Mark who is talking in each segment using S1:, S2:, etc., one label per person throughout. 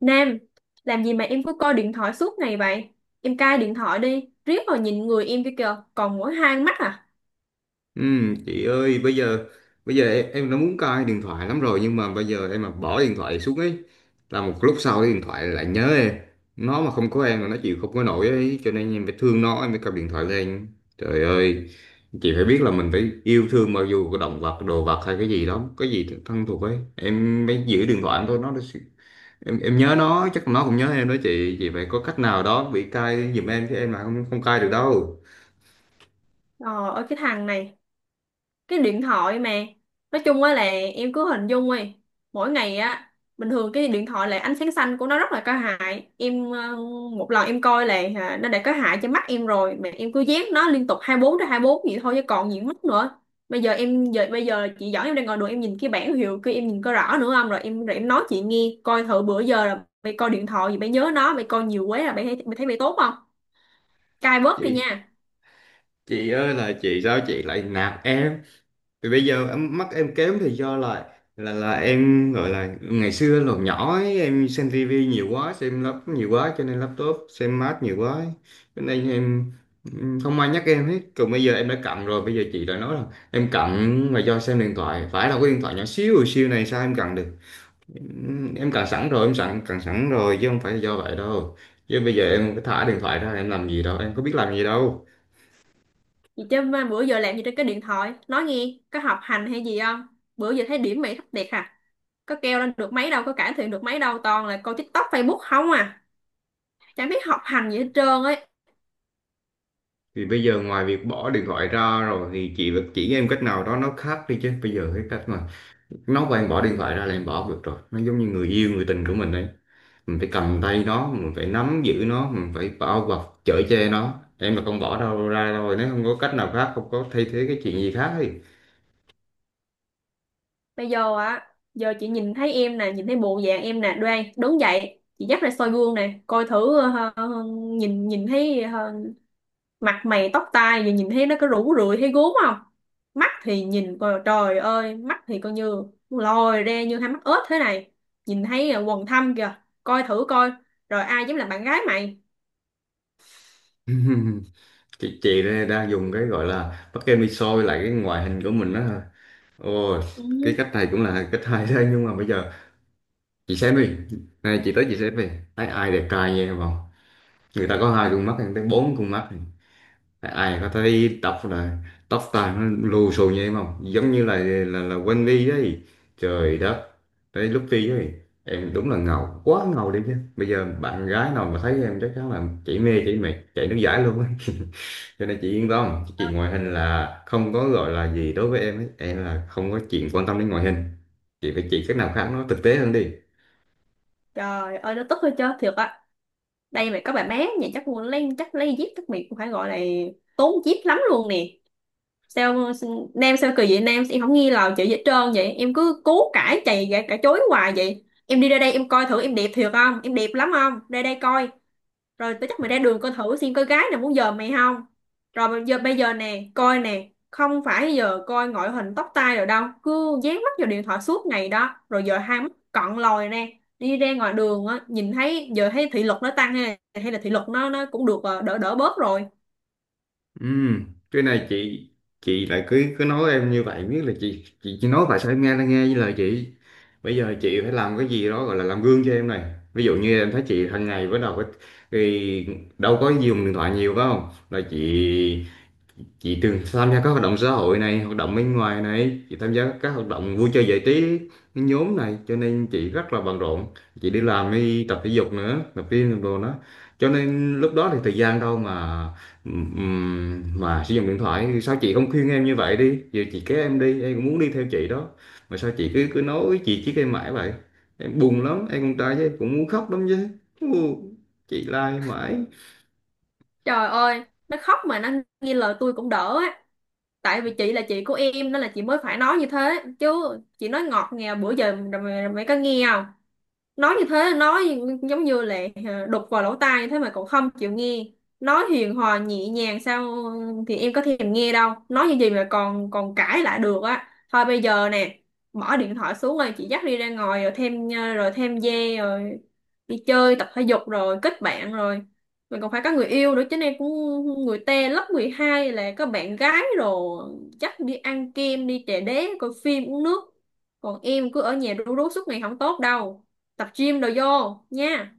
S1: Nam, làm gì mà em cứ coi điện thoại suốt ngày vậy? Em cai điện thoại đi, riết rồi nhìn người em kia kìa, còn mỗi hai con mắt à?
S2: Ừ, chị ơi, bây giờ em đã muốn cai điện thoại lắm rồi, nhưng mà bây giờ em mà bỏ điện thoại xuống ấy là một lúc sau cái điện thoại lại nhớ em. Nó mà không có em là nó chịu không có nổi ấy, cho nên em phải thương nó, em phải cầm điện thoại lên. Trời ơi, chị phải biết là mình phải yêu thương, mặc dù có động vật, đồ vật hay cái gì đó, cái gì thân thuộc ấy em mới giữ điện thoại em thôi. Nó, em nhớ nó, chắc nó cũng nhớ em đó chị. Chị phải có cách nào đó bị cai giùm em chứ, em là không không cai được đâu.
S1: Ờ, ơi cái thằng này, cái điện thoại mà nói chung á là em cứ hình dung đi. Mỗi ngày á, bình thường cái điện thoại là ánh sáng xanh của nó rất là có hại em. Ờ, Một lần em coi là nó đã có hại cho mắt em rồi mà em cứ dán nó liên tục 24 tới 24 vậy thôi chứ còn gì mất nữa. Bây giờ em giờ bây giờ chị giỏi, em đang ngồi đường em nhìn cái bảng hiệu kia em nhìn có rõ nữa không? Rồi em nói chị nghe coi thử bữa giờ là mày coi điện thoại gì, mày nhớ nó, mày coi nhiều quá là mày thấy mày tốt không? Cai bớt đi
S2: chị
S1: nha.
S2: chị ơi là chị, sao chị lại nạt em? Thì bây giờ em mắt em kém thì do là, là em gọi là ngày xưa lúc nhỏ ấy, em xem tivi nhiều quá, xem laptop nhiều quá, cho nên laptop xem mát nhiều quá ấy. Cho nên em, không ai nhắc em hết. Còn bây giờ em đã cận rồi, bây giờ chị lại nói là em cận mà do xem điện thoại. Phải là cái điện thoại nhỏ xíu xíu này sao em cận được? Em cận sẵn rồi, em sẵn cận sẵn rồi chứ không phải là do vậy đâu. Chứ bây giờ em cứ thả điện thoại ra em làm gì đâu, em có biết làm gì đâu?
S1: Vậy chứ mà bữa giờ làm gì trên cái điện thoại? Nói nghe, có học hành hay gì không? Bữa giờ thấy điểm mày thấp đẹp à? Có kêu lên được mấy đâu, có cải thiện được mấy đâu, toàn là coi TikTok, Facebook không à. Chẳng biết học hành gì hết trơn ấy.
S2: Thì bây giờ ngoài việc bỏ điện thoại ra rồi thì chị vẫn chỉ em cách nào đó nó khác đi, chứ bây giờ cái cách mà nó bảo em bỏ điện thoại ra là em bỏ không được rồi. Nó giống như người yêu, người tình của mình đấy, mình phải cầm tay nó, mình phải nắm giữ nó, mình phải bao bọc chở che nó. Em mà không bỏ đâu ra, rồi nếu không có cách nào khác, không có thay thế cái chuyện gì khác thì...
S1: Bây giờ á, giờ chị nhìn thấy em nè, nhìn thấy bộ dạng em nè, đoan, đứng dậy, chị dắt ra soi gương nè, coi thử nhìn nhìn thấy mặt mày tóc tai giờ nhìn thấy nó có rũ rượi thấy gốm không? Mắt thì nhìn coi, trời ơi, mắt thì coi như lồi ra như hai mắt ếch thế này, nhìn thấy quần thâm kìa, coi thử coi, rồi ai dám làm bạn gái mày?
S2: Chị, đây đang dùng cái gọi là bắt em đi soi lại cái ngoại hình của mình đó thôi. Ôi,
S1: Ừ.
S2: cái cách này cũng là cách hay đấy, nhưng mà bây giờ chị xem đi, này chị tới chị xem đi, thấy ai đẹp trai nha em không? Người ta có hai con mắt, người ta bốn con mắt. Ai ai có thấy tóc là tóc tai nó lù xù như em không? Giống như là, là quên đi đấy. Trời đất. Tới lúc đi ấy, em đúng là ngầu quá ngầu đi, chứ bây giờ bạn gái nào mà thấy em chắc chắn là chỉ mê chỉ mệt chạy nước giải luôn ấy. Cho nên chị yên tâm chị, ngoại hình là không có gọi là gì đối với em ấy, em là không có chuyện quan tâm đến ngoại hình. Chị phải chỉ cách nào khác nó thực tế hơn đi.
S1: Trời ơi, nó tức hơi chết thiệt á. Đây mày có bà bé nhà chắc mua lấy chắc lấy dép chắc mày cũng phải gọi là tốn dép lắm luôn nè. Sao Nam, sao kỳ vậy Nam, em không nghi lời chị gì hết trơn vậy, em cứ cố cãi cãi chối hoài vậy. Em đi ra đây em coi thử em đẹp thiệt không, em đẹp lắm không, ra đây coi. Rồi tao chắc mày ra đường coi thử xem có gái nào muốn giờ mày không. Rồi bây giờ nè coi nè, không phải giờ coi ngoại hình tóc tai rồi đâu, cứ dán mắt vào điện thoại suốt ngày đó rồi giờ hai mắt cận lòi nè. Đi ra ngoài đường á nhìn thấy giờ thấy thị lực nó tăng hay hay là thị lực nó cũng được đỡ đỡ bớt rồi.
S2: Ừm, cái này chị lại cứ cứ nói em như vậy. Biết là chị chỉ nói vậy sao em nghe là nghe với lời chị. Bây giờ chị phải làm cái gì đó gọi là làm gương cho em này. Ví dụ như em thấy chị hàng ngày bắt đầu thì đâu có dùng điện thoại nhiều, phải không là chị. Chị từng tham gia các hoạt động xã hội này, hoạt động bên ngoài này, chị tham gia các hoạt động vui chơi giải trí nhóm này, cho nên chị rất là bận rộn. Chị đi làm, đi tập thể dục nữa, tập gym đồ đó, cho nên lúc đó thì thời gian đâu mà sử dụng điện thoại. Sao chị không khuyên em như vậy đi? Giờ chị kéo em đi em cũng muốn đi theo chị đó, mà sao chị cứ cứ nói chị chỉ em mãi vậy? Em buồn lắm, em con trai chứ cũng muốn khóc lắm chứ. Ù, chị la em mãi.
S1: Trời ơi, nó khóc mà nó nghe lời tôi cũng đỡ á. Tại vì chị là chị của em nên là chị mới phải nói như thế, chứ chị nói ngọt ngào bữa giờ rồi mày có nghe không? Nói như thế, nói giống như là đục vào lỗ tai như thế mà cậu không chịu nghe, nói hiền hòa nhẹ nhàng sao? Thì em có thèm nghe đâu, nói như gì mà còn còn cãi lại được á. Thôi bây giờ nè, mở điện thoại xuống rồi chị dắt đi ra ngoài rồi thêm rồi thêm dê rồi đi chơi tập thể dục rồi kết bạn rồi. Mình còn phải có người yêu nữa chứ, em cũng người ta lớp 12 là có bạn gái rồi, dắt đi ăn kem đi trà đế coi phim uống nước. Còn em cứ ở nhà rú rú suốt ngày không tốt đâu, tập gym đồ vô nha.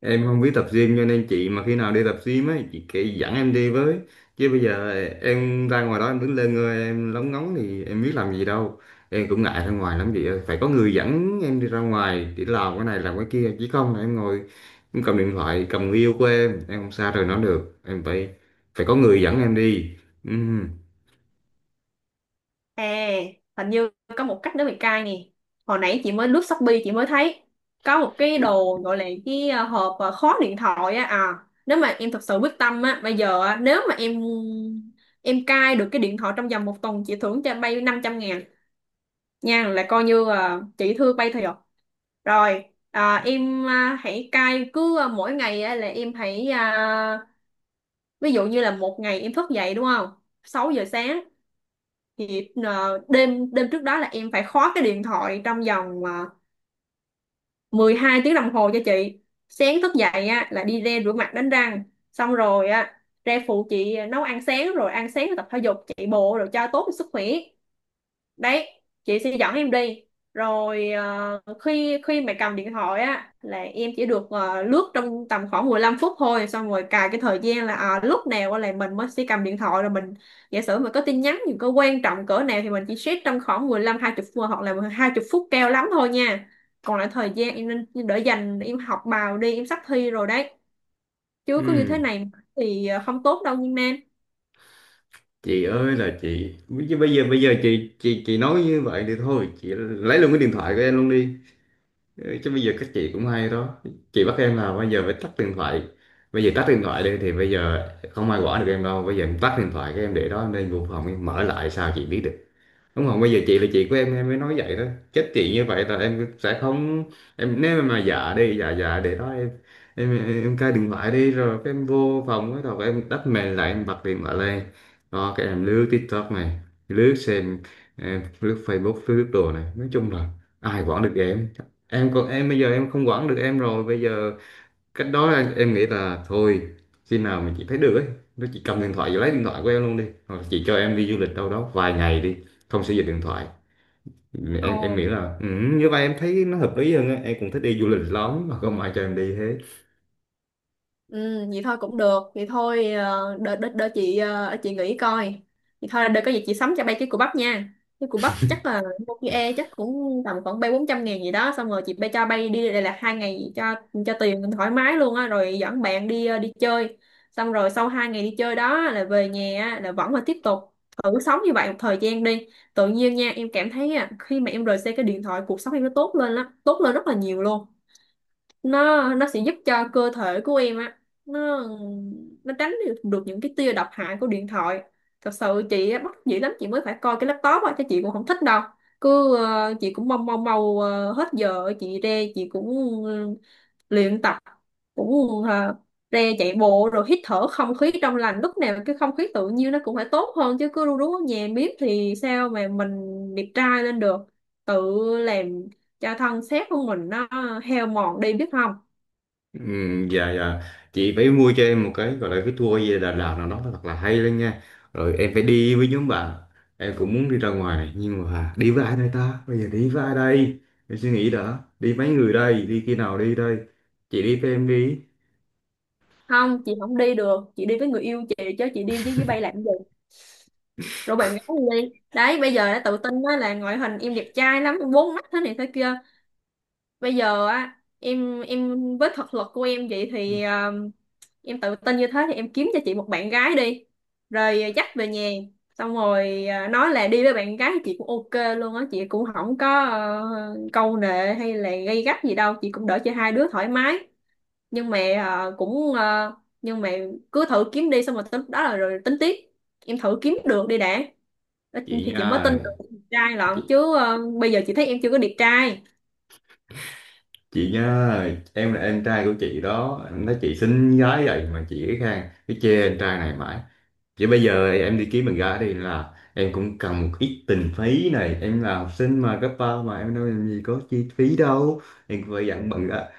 S2: Em không biết tập gym, cho nên chị mà khi nào đi tập gym ấy chị kể dẫn em đi với. Chứ bây giờ em ra ngoài đó em đứng lên ngơi em lóng ngóng thì em biết làm gì đâu. Em cũng ngại ra ngoài lắm chị ơi, phải có người dẫn em đi ra ngoài để làm cái này làm cái kia, chứ không là em ngồi em cầm điện thoại, cầm người yêu của em không xa rời nó được, em phải phải có người dẫn em đi. Ừm,
S1: À, hình như có một cách nữa mày cai nè. Hồi nãy chị mới lướt Shopee, chị mới thấy có một cái đồ gọi là cái hộp khóa điện thoại á. À, nếu mà em thật sự quyết tâm á, bây giờ á, nếu mà em cai được cái điện thoại trong vòng một tuần chị thưởng cho bay 500 ngàn nha, là coi như chị thưa bay thiệt. Rồi em hãy cai cứ mỗi ngày á là em hãy ví dụ như là một ngày em thức dậy đúng không, 6 giờ sáng, thì đêm đêm trước đó là em phải khóa cái điện thoại trong vòng 12 tiếng đồng hồ cho chị. Sáng thức dậy á là đi ra rửa mặt đánh răng xong rồi á ra phụ chị nấu ăn sáng rồi tập thể dục chạy bộ rồi cho tốt cho sức khỏe đấy, chị sẽ dẫn em đi. Rồi khi khi mà cầm điện thoại á là em chỉ được lướt trong tầm khoảng 15 phút thôi, xong rồi cài cái thời gian là lúc nào á là mình mới sẽ cầm điện thoại rồi mình giả sử mình có tin nhắn gì có quan trọng cỡ nào thì mình chỉ check trong khoảng 15 20 phút hoặc là 20 phút cao lắm thôi nha. Còn lại thời gian em nên đỡ dành em học bài đi, em sắp thi rồi đấy. Chứ cứ như thế
S2: ừm.
S1: này thì không tốt đâu nhưng em.
S2: Chị ơi là chị, chứ bây giờ chị nói như vậy thì thôi chị lấy luôn cái điện thoại của em luôn đi. Ừ, chứ bây giờ các chị cũng hay đó, chị bắt em là bây giờ phải tắt điện thoại. Bây giờ tắt điện thoại đi thì bây giờ không ai quản được em đâu, bây giờ em tắt điện thoại các em để đó em lên vô phòng em mở lại sao chị biết được? Đúng không? Bây giờ chị là chị của em mới nói vậy đó. Chết chị, như vậy là em sẽ không, em nếu mà dạ đi, dạ dạ để đó em cai điện thoại đi rồi cái em vô phòng cái đầu em đắp mền lại em bật điện thoại lên. Đó cái em lướt TikTok này, lướt xem, em lướt Facebook lướt đồ này, nói chung là ai quản được Em còn em bây giờ em không quản được em rồi bây giờ. Cách đó là em nghĩ là thôi, khi nào mình chỉ thấy được ấy nó chỉ cầm điện thoại và lấy điện thoại của em luôn đi, hoặc là chị cho em đi du lịch đâu đó vài ngày đi, không sử dụng điện thoại. Em
S1: Ồ.
S2: nghĩ là, như vậy em thấy nó hợp lý hơn á, em cũng thích đi du lịch lắm mà không ai cho em đi thế.
S1: Ừ, vậy thôi cũng được. Vậy thôi đợi đợi đợi chị chị nghĩ coi. Vậy thôi đợi có gì chị sắm cho bay cái củ bắp nha. Cái củ bắp chắc là một cái e chắc cũng tầm khoảng bay 400 ngàn gì đó, xong rồi chị bay cho bay đi đây là hai ngày, cho tiền thoải mái luôn á rồi dẫn bạn đi đi chơi. Xong rồi sau hai ngày đi chơi đó là về nhà á, là vẫn là tiếp tục thử sống như vậy một thời gian đi. Tự nhiên nha, em cảm thấy á, khi mà em rời xa cái điện thoại cuộc sống em nó tốt lên lắm, tốt lên rất là nhiều luôn. Nó sẽ giúp cho cơ thể của em á, nó nó tránh được được những cái tia độc hại của điện thoại. Thật sự chị á, bất dĩ lắm chị mới phải coi cái laptop á chứ chị cũng không thích đâu. Cứ chị cũng mong mong mau hết giờ chị ra chị cũng ờ, luyện tập cũng ra chạy bộ rồi hít thở không khí trong lành, lúc nào cái không khí tự nhiên nó cũng phải tốt hơn chứ cứ ru rú ở nhà miết thì sao mà mình đẹp trai lên được, tự làm cho thân xác của mình nó heo mòn đi biết không.
S2: Ừ, dạ dạ. Chị phải mua cho em một cái gọi là cái tour về Đà Lạt nào đó, nó thật là hay lên nha, rồi em phải đi với nhóm bạn. Em cũng muốn đi ra ngoài này nhưng mà đi với ai đây ta, bây giờ đi với ai đây? Em suy nghĩ đã, đi mấy người đây, đi khi nào đi đây? Chị đi với em đi.
S1: Không, chị không đi được, chị đi với người yêu chị chứ chị đi với bay làm gì. Rồi bạn gái đi đi. Đấy bây giờ đã tự tin đó, là ngoại hình em đẹp trai lắm em bốn mắt thế này thế kia. Bây giờ á em với thực lực của em vậy thì em tự tin như thế thì em kiếm cho chị một bạn gái đi, rồi dắt về nhà xong rồi nói là đi với bạn gái, chị cũng ok luôn á, chị cũng không có câu nệ hay là gay gắt gì đâu, chị cũng đỡ cho hai đứa thoải mái. Nhưng mà ờ, cũng ờ, nhưng mà Cứ thử kiếm đi xong rồi tới lúc đó là rồi tính tiếp, em thử kiếm được đi đã,
S2: Chị
S1: thì chị
S2: nha
S1: mới tin
S2: ơi.
S1: được đẹp trai lận
S2: chị,
S1: chứ. Ờ, Bây giờ chị thấy em chưa có đẹp trai.
S2: chị nha ơi, em là em trai của chị đó, em nói chị xinh gái vậy mà chị cái khang cái chê em trai này mãi. Chứ bây giờ em đi kiếm bạn gái đi là em cũng cần một ít tình phí này, em là học sinh mà cấp ba mà em đâu làm gì có chi phí đâu. Em phải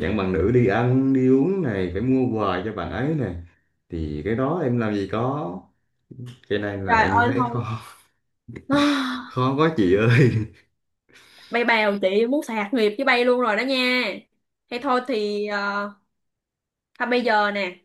S2: dặn bằng nữ đi ăn đi uống này, phải mua quà cho bạn ấy này, thì cái đó em làm gì có. Cái này là
S1: Trời
S2: em
S1: ơi
S2: thấy
S1: thôi.
S2: khó. Khó quá chị ơi.
S1: Bay bèo, chị muốn sạc nghiệp với bay luôn rồi đó nha. Hay thôi thì thôi bây giờ nè,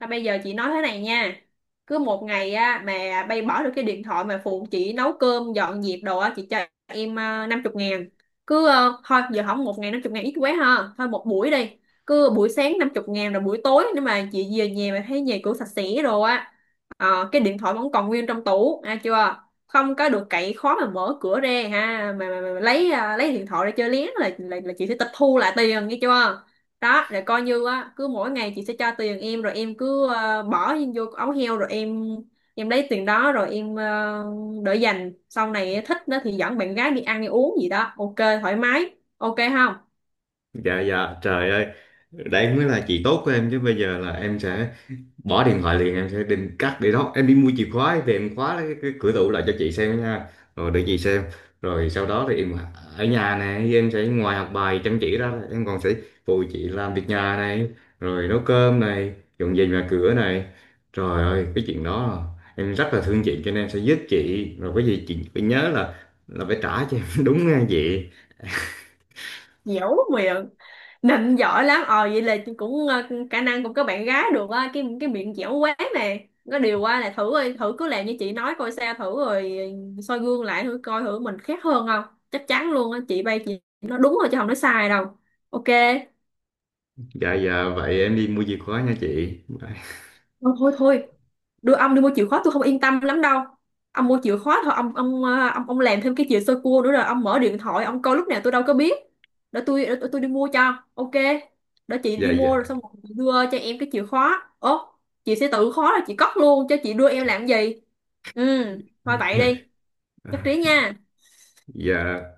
S1: thôi bây giờ chị nói thế này nha. Cứ một ngày á mà bay bỏ được cái điện thoại mà phụ chị nấu cơm, dọn dẹp đồ á, chị cho em năm chục ngàn. Cứ thôi giờ không, một ngày năm chục ngàn ít quá ha. Thôi một buổi đi. Cứ buổi sáng năm chục ngàn rồi buổi tối nếu mà chị về nhà mà thấy nhà cửa sạch sẽ rồi á, cái điện thoại vẫn còn nguyên trong tủ, à chưa? Không có được cậy khó mà mở cửa ra ha, mà lấy lấy điện thoại ra chơi lén là, là chị sẽ tịch thu lại tiền nghe chưa? Đó rồi coi như á cứ mỗi ngày chị sẽ cho tiền em, rồi em cứ bỏ vô ống heo rồi em lấy tiền đó rồi em đỡ dành sau này thích nó thì dẫn bạn gái đi ăn đi uống gì đó, ok thoải mái, ok không?
S2: Dạ dạ, trời ơi, đấy mới là chị tốt của em chứ. Bây giờ là em sẽ bỏ điện thoại liền, em sẽ định cắt để đó em đi mua chìa khóa về em khóa cái cửa tủ lại cho chị xem nha. Rồi để chị xem, rồi sau đó thì em ở nhà này em sẽ ngoài học bài chăm chỉ ra em còn sẽ phụ chị làm việc nhà này, rồi nấu cơm này, dọn dẹp nhà cửa này. Trời ơi cái chuyện đó là em rất là thương chị cho nên em sẽ giúp chị, rồi cái gì chị phải nhớ là phải trả cho em đúng nghe chị.
S1: Dẻo miệng, nịnh giỏi lắm. Ờ vậy là chị cũng khả năng cũng có bạn gái được á, cái miệng dẻo quá nè. Có điều qua là thử đi, thử cứ làm như chị nói coi sao, thử rồi soi gương lại thử coi thử mình khác hơn không. Chắc chắn luôn á, chị bay chị nó đúng rồi chứ không nói sai đâu. Ok.
S2: Dạ dạ, vậy em đi mua chìa khóa nha chị.
S1: Thôi thôi thôi, đưa ông đi mua chìa khóa tôi không yên tâm lắm đâu. Ông mua chìa khóa thôi ông ông làm thêm cái chìa sơ cua nữa rồi ông mở điện thoại ông coi lúc nào tôi đâu có biết. Tôi đi mua cho ok. Để chị
S2: Dạ
S1: đi
S2: dạ.
S1: mua rồi xong rồi chị đưa cho em cái chìa khóa ố. Chị sẽ tự khóa rồi chị cất luôn cho, chị đưa em làm gì. Ừ. Thôi vậy đi. Chắc trí
S2: À,
S1: nha.
S2: dạ.